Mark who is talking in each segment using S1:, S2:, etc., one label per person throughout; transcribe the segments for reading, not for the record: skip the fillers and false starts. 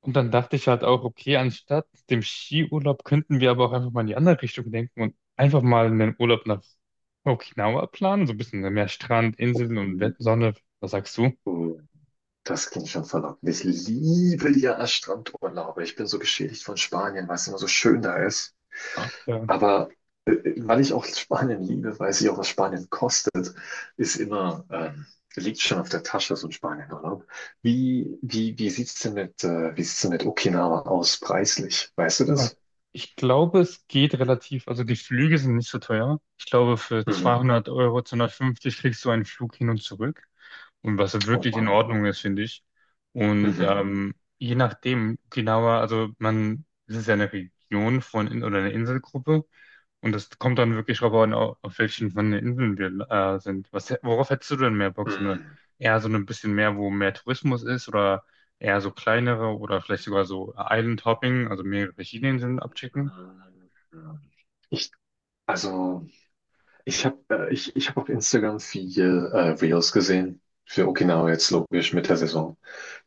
S1: Und dann dachte ich halt auch, okay, anstatt dem Skiurlaub könnten wir aber auch einfach mal in die andere Richtung denken und einfach mal einen Urlaub nach Okinawa planen, so ein bisschen mehr Strand, Inseln und Sonne. Was sagst du?
S2: Oh, das klingt schon verlockend. Ich liebe ja das Strandurlaube. Ich bin so geschädigt von Spanien, weil es immer so schön da ist.
S1: Ach, ja.
S2: Aber weil ich auch Spanien liebe, weiß ich auch, was Spanien kostet, ist immer, liegt schon auf der Tasche, so ein Spanienurlaub. Wie sieht's denn mit Okinawa aus, preislich? Weißt du
S1: Ah,
S2: das?
S1: Ich glaube, es geht relativ, also die Flüge sind nicht so teuer. Ich glaube, für
S2: Mhm.
S1: 200 Euro, 250 kriegst du einen Flug hin und zurück. Und was
S2: Und
S1: wirklich in
S2: wann?
S1: Ordnung ist, finde ich. Und
S2: Mhm.
S1: je nachdem, Okinawa, also man, es ist ja eine Region oder eine Inselgruppe, und das kommt dann wirklich drauf an, auf welchen von den Inseln wir sind. Worauf hättest du denn mehr Bock?
S2: Mhm.
S1: Eher so ein bisschen mehr, wo mehr Tourismus ist, oder eher so kleinere oder vielleicht sogar so Island Hopping, also mehrere verschiedene Inseln abchecken?
S2: Mhm. Mhm. Ich, also. Ich hab auf Instagram viel Reels gesehen. Für Okinawa jetzt logisch mit der Saison.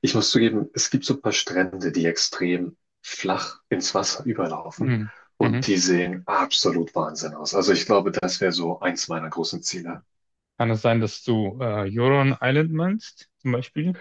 S2: Ich muss zugeben, es gibt so ein paar Strände, die extrem flach ins Wasser überlaufen
S1: Mhm. Mhm.
S2: und die sehen absolut Wahnsinn aus. Also ich glaube, das wäre so eins meiner großen Ziele.
S1: Kann es sein, dass du Huron Island meinst, zum Beispiel?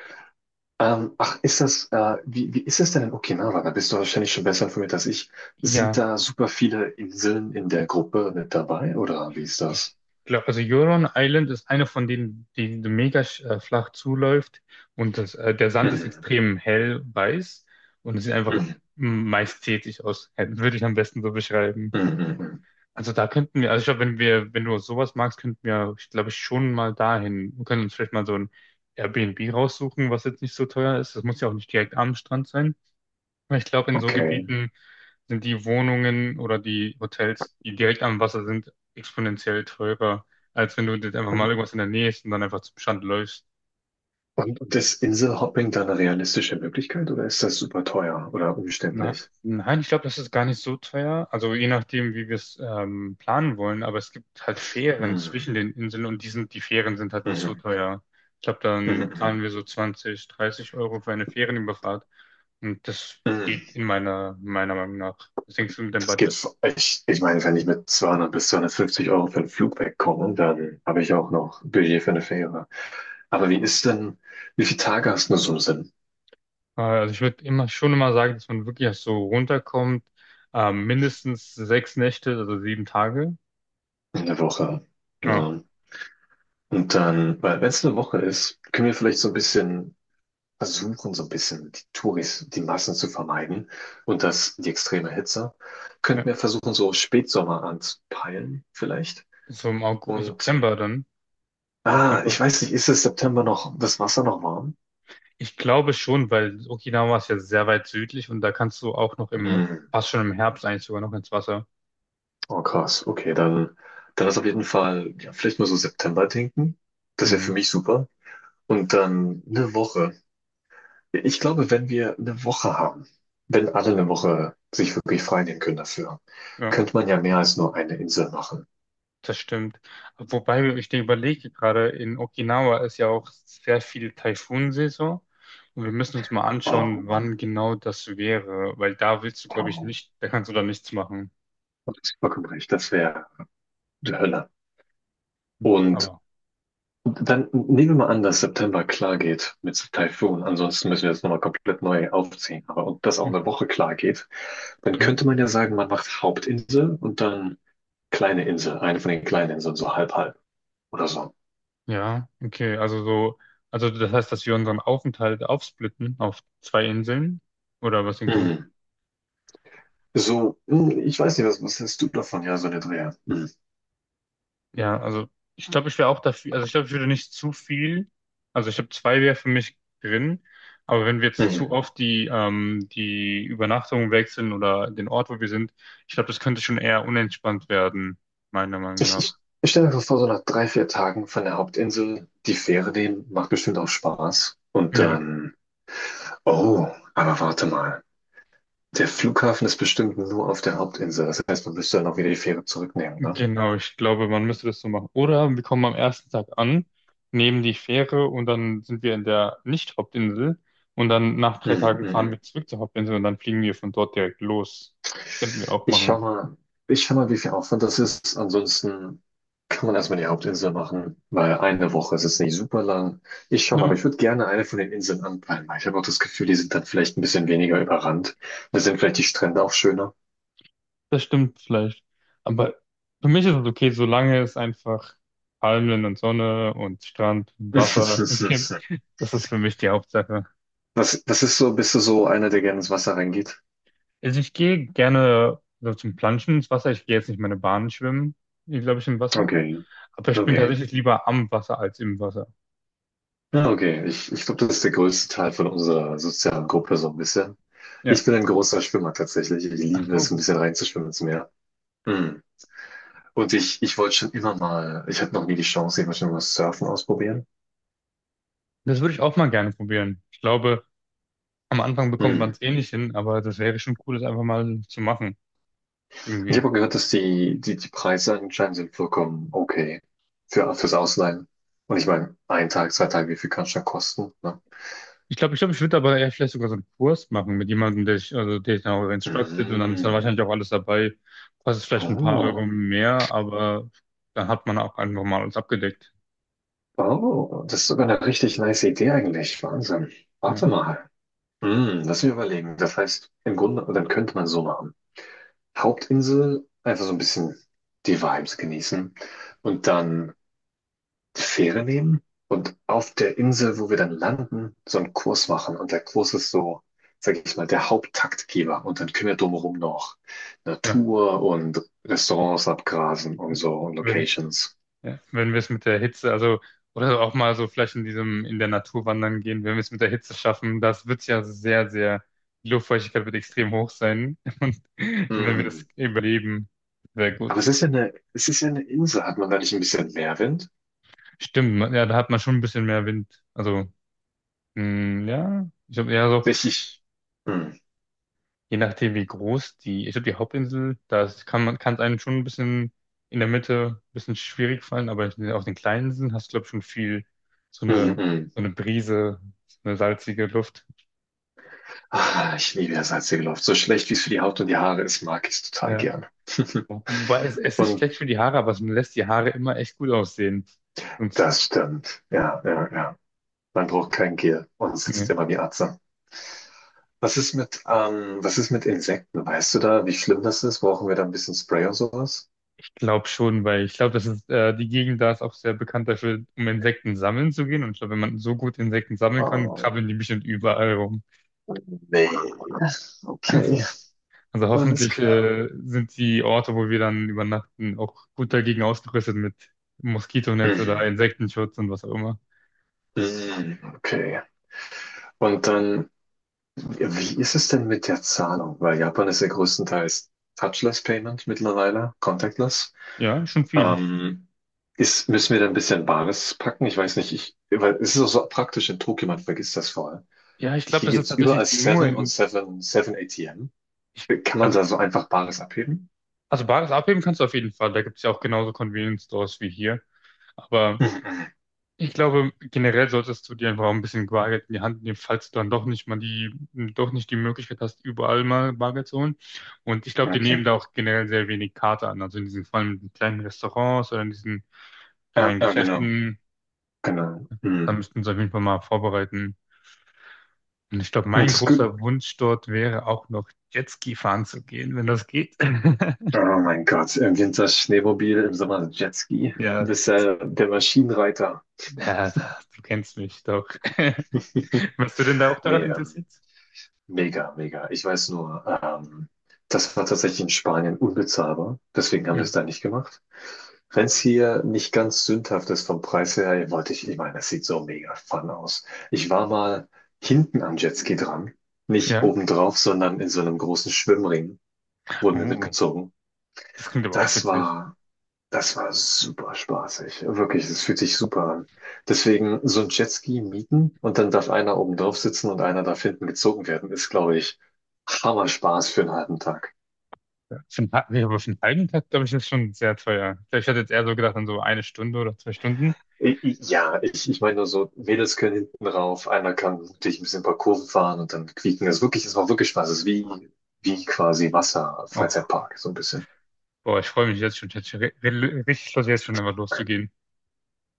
S2: Ach, wie ist das denn in Okinawa? Da bist du wahrscheinlich schon besser informiert als ich. Sind
S1: Ja.
S2: da super viele Inseln in der Gruppe mit dabei oder wie ist
S1: Ich
S2: das?
S1: glaube, also Huron Island ist eine von denen, die so flach zuläuft, und der Sand ist
S2: Mhm.
S1: extrem hell weiß und es sieht einfach
S2: Mhm.
S1: majestätisch aus. Würde ich am besten so beschreiben.
S2: Mhm. Mhm.
S1: Also da könnten wir, also ich glaube, wenn wir, wenn du sowas magst, könnten wir, ich glaube, schon mal dahin. Wir können uns vielleicht mal so ein Airbnb raussuchen, was jetzt nicht so teuer ist. Das muss ja auch nicht direkt am Strand sein. Weil ich glaube, in so
S2: Okay.
S1: Gebieten sind die Wohnungen oder die Hotels, die direkt am Wasser sind, exponentiell teurer, als wenn du jetzt einfach mal
S2: Ähm,
S1: irgendwas in der Nähe ist und dann einfach zum Strand läufst.
S2: Und ist Inselhopping dann eine realistische Möglichkeit oder ist das super teuer oder
S1: Na,
S2: umständlich?
S1: nein, ich glaube, das ist gar nicht so teuer. Also je nachdem, wie wir es planen wollen, aber es gibt halt Fähren
S2: Mhm.
S1: zwischen den Inseln und die Fähren sind halt nicht so
S2: Mhm.
S1: teuer. Ich glaube, dann
S2: Mhm.
S1: zahlen wir so 20, 30 Euro für eine Fährenüberfahrt. Und das geht
S2: Mhm.
S1: in meiner Meinung nach. Was denkst du mit dem
S2: Das geht,
S1: Budget?
S2: ich meine, wenn ich mit 200 bis 250 € für einen Flug wegkomme, dann habe ich auch noch Budget für eine Fähre. Aber wie viele Tage hast du so im Sinn
S1: Also ich würde immer sagen, dass man wirklich erst so runterkommt, mindestens 6 Nächte, also 7 Tage.
S2: in der Woche?
S1: Ja,
S2: Ja. Und dann, weil wenn es eine Woche ist, können wir vielleicht so ein bisschen versuchen, so ein bisschen die Touris, die Massen zu vermeiden und die extreme Hitze. Könnten wir
S1: ja.
S2: versuchen, so Spätsommer anzupeilen, vielleicht.
S1: So im
S2: Und,
S1: September dann.
S2: ich
S1: September.
S2: weiß nicht, ist es September noch, das Wasser noch warm?
S1: Ich glaube schon, weil Okinawa ist ja sehr weit südlich und da kannst du auch noch
S2: Hm.
S1: fast schon im Herbst eigentlich sogar noch ins Wasser.
S2: Oh, krass. Okay, dann ist auf jeden Fall, ja, vielleicht mal so September denken. Das wäre für
S1: Mhm.
S2: mich super. Und dann eine Woche. Ich glaube, wenn wir eine Woche haben, wenn alle eine Woche sich wirklich frei nehmen können dafür,
S1: Ja.
S2: könnte man ja mehr als nur eine Insel machen.
S1: Das stimmt. Wobei ich dir überlege, gerade in Okinawa ist ja auch sehr viel Taifunsaison. Und wir müssen uns mal
S2: Oh.
S1: anschauen, wann genau das wäre. Weil da willst du, glaube ich,
S2: Oh,
S1: nicht, da kannst du da nichts machen.
S2: du hast vollkommen recht, das wäre die Hölle. Und
S1: Aber.
S2: dann nehmen wir mal an, dass September klar geht mit Taifun. Ansonsten müssen wir das nochmal komplett neu aufziehen. Aber und das auch eine Woche klar geht, dann
S1: Mhm.
S2: könnte man ja sagen, man macht Hauptinsel und dann kleine Insel, eine von den kleinen Inseln, so halb halb oder so.
S1: Ja, okay. Also das heißt, dass wir unseren Aufenthalt aufsplitten auf zwei Inseln. Oder was denkst du?
S2: Mhm. So, ich weiß nicht, was hältst du davon? Ja, so eine Dreher. Mhm.
S1: Ja, also ich glaube, ich wäre auch dafür, also ich glaube, ich würde nicht zu viel, also ich habe zwei wäre für mich drin, aber wenn wir jetzt zu
S2: Mhm.
S1: oft die Übernachtung wechseln oder den Ort, wo wir sind, ich glaube, das könnte schon eher unentspannt werden, meiner Meinung
S2: Ich,
S1: nach.
S2: ich, ich stelle mir einfach vor, so nach 3, 4 Tagen von der Hauptinsel die Fähre nehmen, macht bestimmt auch Spaß. Und
S1: Ja,
S2: dann Oh, aber warte mal. Der Flughafen ist bestimmt nur auf der Hauptinsel. Das heißt, man müsste dann auch wieder die Fähre zurücknehmen, ne?
S1: genau, ich glaube, man müsste das so machen. Oder wir kommen am ersten Tag an, nehmen die Fähre und dann sind wir in der Nicht-Hauptinsel, und dann nach drei
S2: Hm,
S1: Tagen
S2: hm,
S1: fahren
S2: hm.
S1: wir zurück zur Hauptinsel und dann fliegen wir von dort direkt los. Das könnten wir auch
S2: Ich schau
S1: machen.
S2: mal, ich schau mal, wie viel Aufwand das ist. Ansonsten kann man erstmal die Hauptinsel machen, weil eine Woche ist jetzt nicht super lang. Ich schau mal, aber ich würde gerne eine von den Inseln anpeilen, weil ich habe auch das Gefühl, die sind dann vielleicht ein bisschen weniger überrannt. Da sind vielleicht die Strände auch schöner.
S1: Das stimmt vielleicht. Aber für mich ist es okay, solange es einfach Palmen und Sonne und Strand und Wasser gibt. Das ist für mich die Hauptsache.
S2: Was ist so, bist du so einer, der gerne ins Wasser reingeht?
S1: Also ich gehe gerne so zum Planschen ins Wasser. Ich gehe jetzt nicht meine Bahn schwimmen, glaube ich, im Wasser.
S2: Okay,
S1: Aber ich bin
S2: okay.
S1: tatsächlich lieber am Wasser als im Wasser.
S2: Ja, okay. Ich glaube, das ist der größte Teil von unserer sozialen Gruppe so ein bisschen. Ich
S1: Ja.
S2: bin ein großer Schwimmer tatsächlich. Ich
S1: Ach
S2: liebe es,
S1: so.
S2: ein bisschen reinzuschwimmen ins Meer. Hm. Und ich wollte schon immer mal, ich hatte noch nie die Chance, ich wollte schon mal Surfen ausprobieren.
S1: Das würde ich auch mal gerne probieren. Ich glaube, am Anfang
S2: Hm.
S1: bekommt man
S2: Und
S1: es eh nicht hin, aber das wäre schon cool, das einfach mal zu machen.
S2: ich
S1: Irgendwie.
S2: habe auch gehört, dass die Preise anscheinend sind vollkommen okay fürs Ausleihen. Und ich meine, ein Tag, 2 Tage, wie viel kann es schon kosten? Ne?
S1: Ich glaube, ich würde aber eher vielleicht sogar so einen Kurs machen mit jemandem, also der ich dann auch instructed, und dann ist dann
S2: Hm.
S1: wahrscheinlich auch alles dabei. Kostet vielleicht ein paar
S2: Oh,
S1: Euro mehr, aber dann hat man auch einfach mal alles abgedeckt.
S2: oh, das ist sogar eine richtig nice Idee eigentlich. Wahnsinn. Warte
S1: Ja,
S2: mal. Lass mich überlegen. Das heißt, im Grunde, dann könnte man so machen. Hauptinsel, einfach so ein bisschen die Vibes genießen und dann die Fähre nehmen und auf der Insel, wo wir dann landen, so einen Kurs machen. Und der Kurs ist so, sag ich mal, der Haupttaktgeber. Und dann können wir drumherum noch
S1: ja,
S2: Natur und Restaurants abgrasen und
S1: ja.
S2: so und
S1: Wenn,
S2: Locations.
S1: ja. Wenn wir es mit der Hitze, also, oder auch mal so vielleicht in in der Natur wandern gehen, wenn wir es mit der Hitze schaffen, das wird ja die Luftfeuchtigkeit wird extrem hoch sein. Und wenn wir
S2: Hm.
S1: das überleben, sehr
S2: Aber
S1: gut.
S2: es ist ja eine Insel. Hat man da nicht ein bisschen Meerwind?
S1: Stimmt, ja, da hat man schon ein bisschen mehr Wind. Also, mm, ja, ich glaube eher so,
S2: Richtig. Hm.
S1: je nachdem wie groß ich glaube die Hauptinsel, da kann man, kann es einem schon ein bisschen in der Mitte ein bisschen schwierig fallen, aber auf den kleinen Inseln hast du, glaube ich, schon viel so
S2: Mhm,
S1: eine,
S2: mhm.
S1: so eine Brise, so eine salzige Luft.
S2: Ah, ich liebe ja salzige Luft. So schlecht wie es für die Haut und die Haare ist, mag ich es total
S1: Ja.
S2: gern.
S1: Wobei es ist
S2: Und
S1: schlecht für die Haare, aber es lässt die Haare immer echt gut aussehen. Und
S2: das stimmt. Ja, ja, ja. Man braucht kein Gel und sitzt
S1: ne,
S2: immer wie Atze. Was ist mit Insekten? Weißt du da, wie schlimm das ist? Brauchen wir da ein bisschen Spray oder sowas?
S1: ich glaube schon, weil ich glaube, die Gegend da ist auch sehr bekannt dafür, um Insekten sammeln zu gehen. Und ich glaube, wenn man so gut Insekten sammeln kann,
S2: Oh,
S1: krabbeln die bestimmt überall rum.
S2: nee. Okay,
S1: Also
S2: alles
S1: hoffentlich
S2: klar.
S1: sind die Orte, wo wir dann übernachten, auch gut dagegen ausgerüstet mit Moskitonetz oder
S2: Mhm.
S1: Insektenschutz und was auch immer.
S2: Mhm, okay. Und dann, wie ist es denn mit der Zahlung? Weil Japan ist ja größtenteils Touchless Payment mittlerweile, contactless.
S1: Ja, schon viel.
S2: Ähm, müssen wir da ein bisschen Bares packen? Ich weiß nicht, weil es ist auch so praktisch in Tokio, man vergisst das vor allem.
S1: Ja, ich glaube,
S2: Hier
S1: das
S2: gibt
S1: ist
S2: es überall
S1: tatsächlich nur
S2: Seven und
S1: in,
S2: 7, 7 ATM. Kann man
S1: also,
S2: da so einfach Bares abheben?
S1: also Bares abheben kannst du auf jeden Fall. Da gibt es ja auch genauso Convenience Stores wie hier. Aber
S2: Mhm,
S1: ich glaube, generell solltest du dir einfach auch ein bisschen Bargeld in die Hand nehmen, falls du dann doch nicht mal doch nicht die Möglichkeit hast, überall mal Bargeld zu holen. Und ich glaube,
S2: mhm.
S1: die
S2: Okay.
S1: nehmen da auch generell sehr wenig Karte an. Also in diesen, vor allem in kleinen Restaurants oder in diesen
S2: Ja,
S1: kleinen
S2: ja, genau.
S1: Geschäften,
S2: Genau.
S1: da
S2: Mhm.
S1: müssten sie auf jeden Fall mal vorbereiten. Und ich glaube,
S2: Und
S1: mein
S2: das gut.
S1: großer Wunsch dort wäre auch noch Jetski fahren zu gehen, wenn das geht.
S2: Oh mein Gott, im Winter Schneemobil, im Sommer Jetski. Du
S1: Ja,
S2: bist ja der Maschinenreiter.
S1: du kennst mich doch. Warst du denn da auch daran
S2: Nee,
S1: interessiert?
S2: Mega, mega. Ich weiß nur, das war tatsächlich in Spanien unbezahlbar. Deswegen haben wir
S1: Hm.
S2: es da nicht gemacht. Wenn es hier nicht ganz sündhaft ist vom Preis her, wollte ich, ich meine, das sieht so mega fun aus. Ich war mal hinten am Jetski dran. Nicht
S1: Ja.
S2: obendrauf, sondern in so einem großen Schwimmring wurden wir
S1: Oh.
S2: mitgezogen.
S1: Das klingt aber auch
S2: Das
S1: witzig.
S2: war das war super spaßig. Wirklich, das fühlt sich super an. Deswegen so ein Jetski mieten und dann darf einer oben drauf sitzen und einer darf hinten gezogen werden, ist, glaube ich, Hammer Spaß für einen halben Tag.
S1: Ja. Nee, aber für einen halben Tag, glaube ich, ist schon sehr teuer. Ich glaub, ich hatte jetzt eher so gedacht an so eine Stunde oder 2 Stunden.
S2: Ja, ich meine nur so, Mädels können hinten rauf, einer kann dich ein bisschen ein paar Kurven fahren und dann quieken. Das macht wirklich Spaß. Das ist wie quasi Wasser,
S1: Oh,
S2: Freizeitpark, so ein bisschen.
S1: boah, ich freue mich jetzt schon. Ich hätte schon richtig Lust, jetzt schon einfach loszugehen.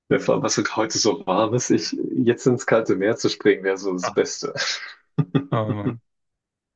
S2: Ja, vor allem, was heute so warm ist, jetzt ins kalte Meer zu springen, wäre so das
S1: Ah,
S2: Beste.
S1: oh Mann.